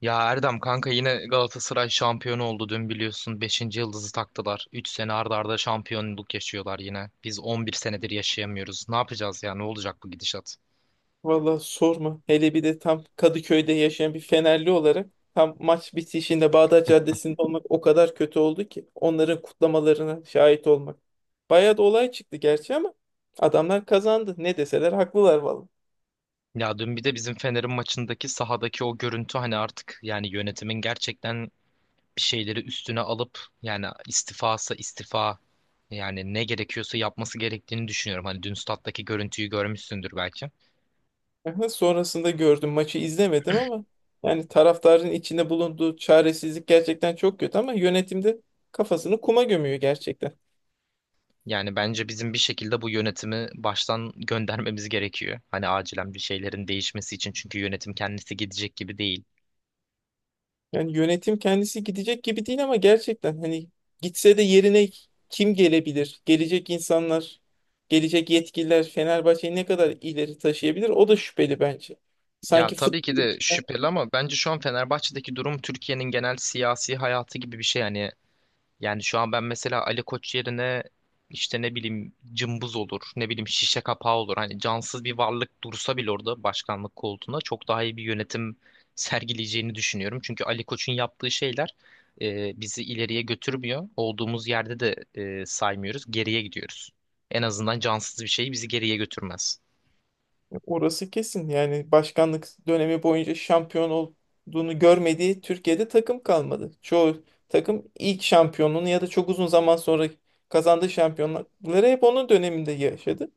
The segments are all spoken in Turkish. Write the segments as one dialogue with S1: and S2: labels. S1: Ya Erdem kanka yine Galatasaray şampiyon oldu dün biliyorsun beşinci yıldızı taktılar. 3 sene arda arda şampiyonluk yaşıyorlar yine. Biz 11 senedir yaşayamıyoruz. Ne yapacağız ya, ne olacak bu gidişat?
S2: Valla sorma. Hele bir de tam Kadıköy'de yaşayan bir Fenerli olarak tam maç bitişinde Bağdat Caddesi'nde olmak o kadar kötü oldu ki onların kutlamalarına şahit olmak. Bayağı da olay çıktı gerçi, ama adamlar kazandı. Ne deseler haklılar valla.
S1: Ya dün bir de bizim Fener'in maçındaki sahadaki o görüntü, hani artık yani yönetimin gerçekten bir şeyleri üstüne alıp yani istifa, yani ne gerekiyorsa yapması gerektiğini düşünüyorum. Hani dün stattaki görüntüyü görmüşsündür belki.
S2: Aha, sonrasında gördüm, maçı izlemedim, ama yani taraftarın içinde bulunduğu çaresizlik gerçekten çok kötü, ama yönetimde kafasını kuma gömüyor gerçekten.
S1: Yani bence bizim bir şekilde bu yönetimi baştan göndermemiz gerekiyor. Hani acilen bir şeylerin değişmesi için, çünkü yönetim kendisi gidecek gibi değil.
S2: Yani yönetim kendisi gidecek gibi değil, ama gerçekten hani gitse de yerine kim gelebilir? Gelecek insanlar, gelecek yetkililer Fenerbahçe'yi ne kadar ileri taşıyabilir? O da şüpheli bence.
S1: Ya
S2: Sanki
S1: tabii ki
S2: futbol.
S1: de şüpheli ama bence şu an Fenerbahçe'deki durum Türkiye'nin genel siyasi hayatı gibi bir şey. Yani şu an ben mesela Ali Koç yerine işte ne bileyim cımbız olur, ne bileyim şişe kapağı olur. Hani cansız bir varlık dursa bile orada başkanlık koltuğuna çok daha iyi bir yönetim sergileyeceğini düşünüyorum. Çünkü Ali Koç'un yaptığı şeyler bizi ileriye götürmüyor. Olduğumuz yerde de saymıyoruz, geriye gidiyoruz. En azından cansız bir şey bizi geriye götürmez.
S2: Orası kesin. Yani başkanlık dönemi boyunca şampiyon olduğunu görmediği Türkiye'de takım kalmadı. Çoğu takım ilk şampiyonluğunu ya da çok uzun zaman sonra kazandığı şampiyonlukları hep onun döneminde yaşadı.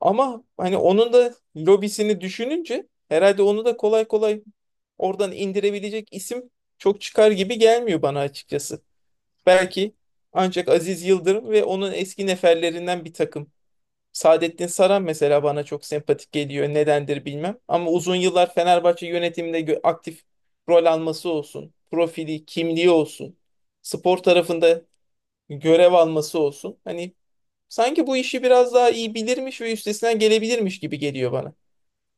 S2: Ama hani onun da lobisini düşününce herhalde onu da kolay kolay oradan indirebilecek isim çok çıkar gibi gelmiyor bana açıkçası. Belki ancak Aziz Yıldırım ve onun eski neferlerinden bir takım. Saadettin Saran mesela bana çok sempatik geliyor. Nedendir bilmem. Ama uzun yıllar Fenerbahçe yönetiminde aktif rol alması olsun. Profili, kimliği olsun. Spor tarafında görev alması olsun. Hani sanki bu işi biraz daha iyi bilirmiş ve üstesinden gelebilirmiş gibi geliyor bana.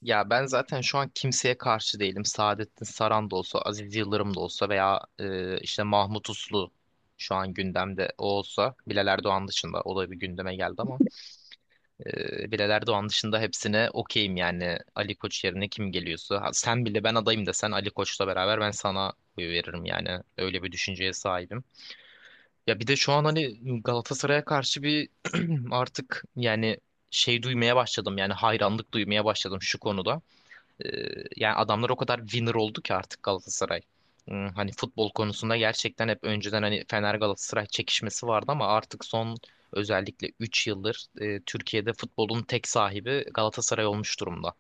S1: Ya ben zaten şu an kimseye karşı değilim. Saadettin Saran da olsa, Aziz Yıldırım da olsa veya işte Mahmut Uslu şu an gündemde o olsa. Bilal Erdoğan dışında, o da bir gündeme geldi ama Bilal Erdoğan dışında hepsine okeyim yani. Ali Koç yerine kim geliyorsa. Ha, sen bile ben adayım desen Ali Koç'la beraber ben sana oy veririm yani. Öyle bir düşünceye sahibim. Ya bir de şu an hani Galatasaray'a karşı bir artık yani şey duymaya başladım, yani hayranlık duymaya başladım şu konuda. Yani adamlar o kadar winner oldu ki artık Galatasaray. Hani futbol konusunda gerçekten hep önceden hani Fener Galatasaray çekişmesi vardı ama artık son, özellikle 3 yıldır Türkiye'de futbolun tek sahibi Galatasaray olmuş durumda.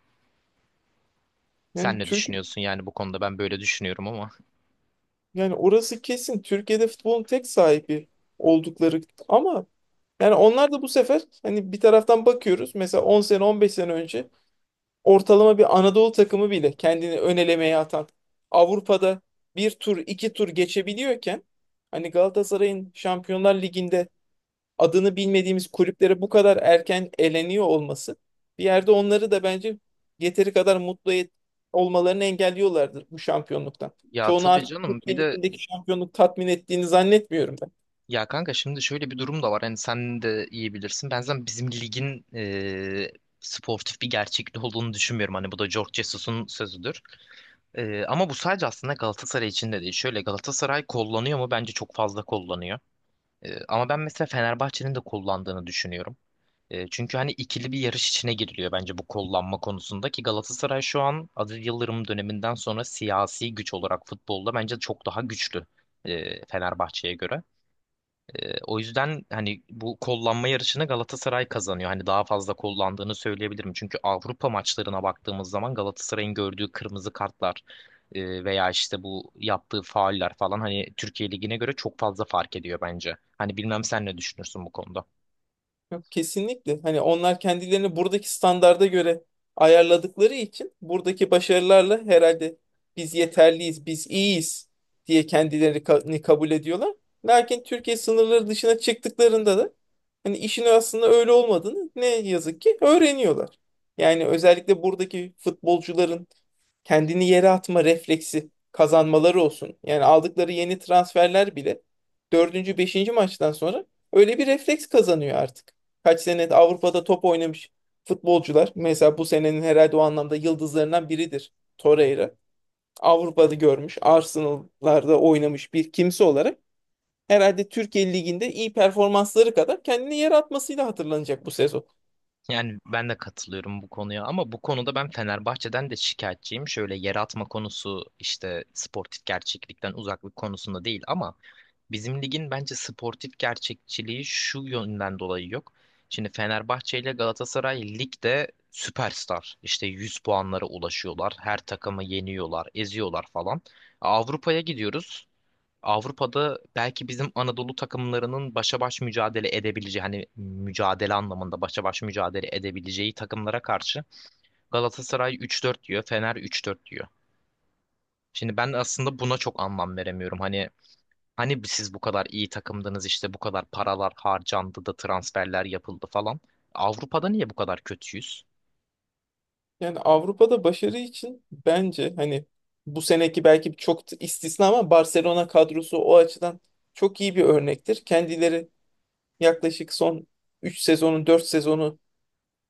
S1: Sen
S2: Yani
S1: ne
S2: Türk
S1: düşünüyorsun yani bu konuda, ben böyle düşünüyorum ama.
S2: yani orası kesin, Türkiye'de futbolun tek sahibi oldukları, ama yani onlar da bu sefer hani bir taraftan bakıyoruz, mesela 10 sene 15 sene önce ortalama bir Anadolu takımı bile kendini ön elemeye atan Avrupa'da bir tur iki tur geçebiliyorken, hani Galatasaray'ın Şampiyonlar Ligi'nde adını bilmediğimiz kulüplere bu kadar erken eleniyor olması bir yerde onları da bence yeteri kadar mutlu olmalarını engelliyorlardır bu şampiyonluktan.
S1: Ya
S2: Çoğunu
S1: tabii
S2: artık
S1: canım bir
S2: Türkiye
S1: de,
S2: Ligi'ndeki şampiyonluk tatmin ettiğini zannetmiyorum.
S1: ya kanka şimdi şöyle bir durum da var, hani sen de iyi bilirsin. Ben zaten bizim ligin sportif bir gerçekliği olduğunu düşünmüyorum. Hani bu da George Jesus'un sözüdür. Ama bu sadece aslında Galatasaray için de değil. Şöyle, Galatasaray kullanıyor mu? Bence çok fazla kullanıyor. Ama ben mesela Fenerbahçe'nin de kullandığını düşünüyorum. Çünkü hani ikili bir yarış içine giriliyor bence bu kullanma konusunda ki Galatasaray şu an Aziz Yıldırım döneminden sonra siyasi güç olarak futbolda bence çok daha güçlü Fenerbahçe'ye göre. O yüzden hani bu kollanma yarışını Galatasaray kazanıyor. Hani daha fazla kollandığını söyleyebilirim. Çünkü Avrupa maçlarına baktığımız zaman Galatasaray'ın gördüğü kırmızı kartlar veya işte bu yaptığı fauller falan hani Türkiye Ligi'ne göre çok fazla fark ediyor bence. Hani bilmem sen ne düşünürsün bu konuda.
S2: Yok, kesinlikle. Hani onlar kendilerini buradaki standarda göre ayarladıkları için buradaki başarılarla herhalde biz yeterliyiz, biz iyiyiz diye kendilerini kabul ediyorlar. Lakin Türkiye sınırları dışına çıktıklarında da hani işin aslında öyle olmadığını ne yazık ki öğreniyorlar. Yani özellikle buradaki futbolcuların kendini yere atma refleksi kazanmaları olsun. Yani aldıkları yeni transferler bile dördüncü, beşinci maçtan sonra öyle bir refleks kazanıyor artık. Kaç sene Avrupa'da top oynamış futbolcular. Mesela bu senenin herhalde o anlamda yıldızlarından biridir Torreira. Avrupa'da görmüş, Arsenal'larda oynamış bir kimse olarak herhalde Türkiye Ligi'nde iyi performansları kadar kendini yere atmasıyla hatırlanacak bu sezon.
S1: Yani ben de katılıyorum bu konuya ama bu konuda ben Fenerbahçe'den de şikayetçiyim. Şöyle, yer atma konusu işte sportif gerçeklikten uzaklık konusunda değil ama bizim ligin bence sportif gerçekçiliği şu yönden dolayı yok. Şimdi Fenerbahçe ile Galatasaray ligde süperstar. İşte 100 puanlara ulaşıyorlar. Her takımı yeniyorlar, eziyorlar falan. Avrupa'ya gidiyoruz. Avrupa'da belki bizim Anadolu takımlarının başa baş mücadele edebileceği, hani mücadele anlamında başa baş mücadele edebileceği takımlara karşı Galatasaray 3-4 diyor, Fener 3-4 diyor. Şimdi ben aslında buna çok anlam veremiyorum. Hani siz bu kadar iyi takımdınız işte, bu kadar paralar harcandı da transferler yapıldı falan. Avrupa'da niye bu kadar kötüyüz?
S2: Yani Avrupa'da başarı için bence hani bu seneki belki çok da istisna, ama Barcelona kadrosu o açıdan çok iyi bir örnektir. Kendileri yaklaşık son 3 sezonun 4 sezonu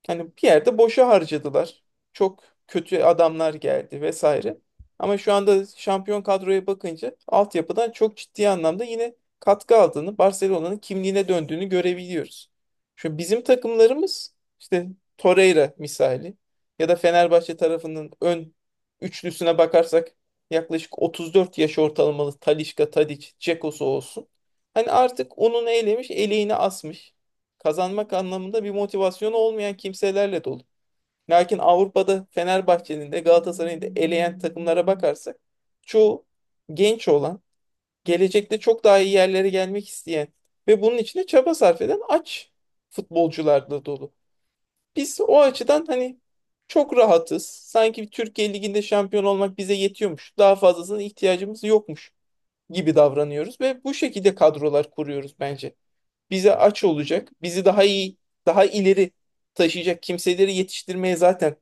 S2: hani bir yerde boşa harcadılar. Çok kötü adamlar geldi vesaire. Ama şu anda şampiyon kadroya bakınca altyapıdan çok ciddi anlamda yine katkı aldığını, Barcelona'nın kimliğine döndüğünü görebiliyoruz. Şu bizim takımlarımız işte Torreira misali, ya da Fenerbahçe tarafının ön üçlüsüne bakarsak yaklaşık 34 yaş ortalamalı Talisca, Tadic, Dzeko olsun. Hani artık onun eylemiş, eleğini asmış, kazanmak anlamında bir motivasyonu olmayan kimselerle dolu. Lakin Avrupa'da Fenerbahçe'nin de Galatasaray'ın da eleyen takımlara bakarsak çoğu genç olan, gelecekte çok daha iyi yerlere gelmek isteyen ve bunun için de çaba sarf eden aç futbolcularla dolu. Biz o açıdan hani çok rahatız. Sanki Türkiye Ligi'nde şampiyon olmak bize yetiyormuş, daha fazlasına ihtiyacımız yokmuş gibi davranıyoruz ve bu şekilde kadrolar kuruyoruz, bence bize aç olacak, bizi daha iyi, daha ileri taşıyacak kimseleri yetiştirmeye zaten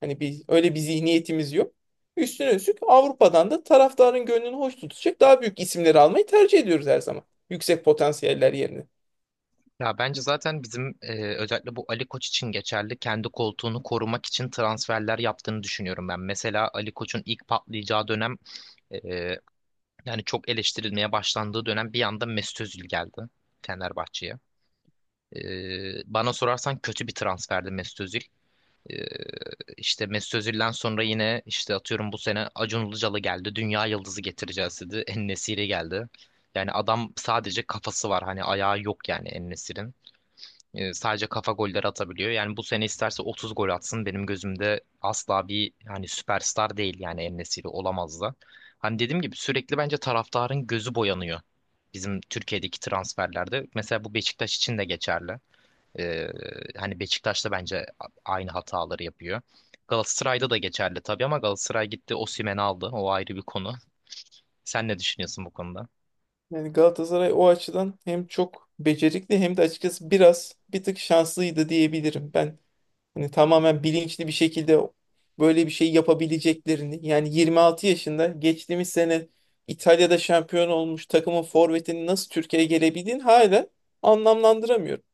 S2: hani öyle bir zihniyetimiz yok. Üstüne üstlük Avrupa'dan da taraftarın gönlünü hoş tutacak daha büyük isimleri almayı tercih ediyoruz her zaman. Yüksek potansiyeller yerine.
S1: Ya bence zaten bizim özellikle bu Ali Koç için geçerli, kendi koltuğunu korumak için transferler yaptığını düşünüyorum ben. Mesela Ali Koç'un ilk patlayacağı dönem e, yani çok eleştirilmeye başlandığı dönem bir anda Mesut Özil geldi Fenerbahçe'ye. Bana sorarsan kötü bir transferdi Mesut Özil. Ee, işte Mesut Özil'den sonra yine işte atıyorum bu sene Acun Ilıcalı geldi. Dünya yıldızı getireceğiz dedi. En-Nesyri geldi. Yani adam sadece kafası var. Hani ayağı yok yani En-Nesyri'nin. Sadece kafa golleri atabiliyor. Yani bu sene isterse 30 gol atsın. Benim gözümde asla bir hani süperstar değil, yani En-Nesyri olamaz da. Hani dediğim gibi sürekli bence taraftarın gözü boyanıyor, bizim Türkiye'deki transferlerde. Mesela bu Beşiktaş için de geçerli. Ee, Hani Beşiktaş'ta bence aynı hataları yapıyor. Galatasaray'da da geçerli tabii ama Galatasaray gitti Osimhen'i aldı. O ayrı bir konu. Sen ne düşünüyorsun bu konuda?
S2: Yani Galatasaray o açıdan hem çok becerikli hem de açıkçası biraz bir tık şanslıydı diyebilirim. Ben hani tamamen bilinçli bir şekilde böyle bir şey yapabileceklerini, yani 26 yaşında geçtiğimiz sene İtalya'da şampiyon olmuş takımın forvetinin nasıl Türkiye'ye gelebildiğini hala anlamlandıramıyorum.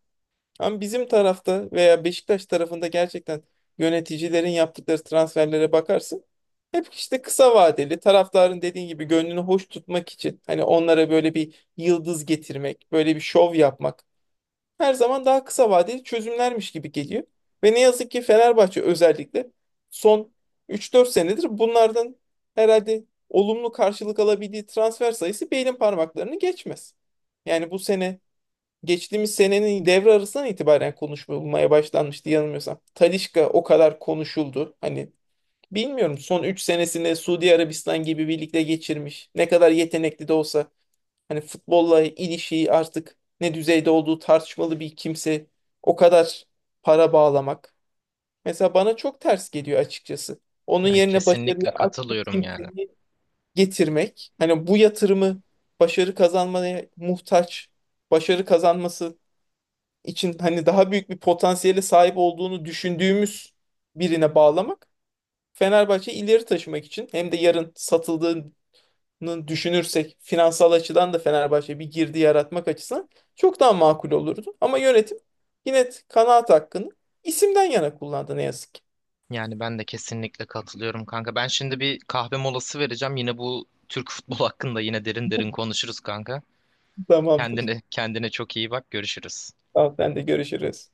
S2: Ama bizim tarafta veya Beşiktaş tarafında gerçekten yöneticilerin yaptıkları transferlere bakarsın. Hep işte kısa vadeli, taraftarın dediğin gibi gönlünü hoş tutmak için hani onlara böyle bir yıldız getirmek, böyle bir şov yapmak her zaman daha kısa vadeli çözümlermiş gibi geliyor. Ve ne yazık ki Fenerbahçe özellikle son üç dört senedir bunlardan herhalde olumlu karşılık alabildiği transfer sayısı belin parmaklarını geçmez. Yani bu sene, geçtiğimiz senenin devre arasından itibaren konuşulmaya başlanmıştı yanılmıyorsam. Talisca o kadar konuşuldu. Hani bilmiyorum, son 3 senesinde Suudi Arabistan gibi birlikte geçirmiş. Ne kadar yetenekli de olsa hani futbolla ilişiği artık ne düzeyde olduğu tartışmalı bir kimse o kadar para bağlamak mesela bana çok ters geliyor açıkçası. Onun
S1: Yani
S2: yerine başarıya
S1: kesinlikle
S2: aç bir
S1: katılıyorum yani.
S2: kimseyi getirmek, hani bu yatırımı başarı kazanmaya muhtaç, başarı kazanması için hani daha büyük bir potansiyele sahip olduğunu düşündüğümüz birine bağlamak Fenerbahçe ileri taşımak için, hem de yarın satıldığı düşünürsek finansal açıdan da Fenerbahçe bir girdi yaratmak açısından çok daha makul olurdu. Ama yönetim yine kanaat hakkını isimden yana kullandı ne yazık ki.
S1: Yani ben de kesinlikle katılıyorum kanka. Ben şimdi bir kahve molası vereceğim. Yine bu Türk futbol hakkında yine derin derin konuşuruz kanka.
S2: Tamamdır.
S1: Kendine çok iyi bak. Görüşürüz.
S2: Tamam, ben de görüşürüz.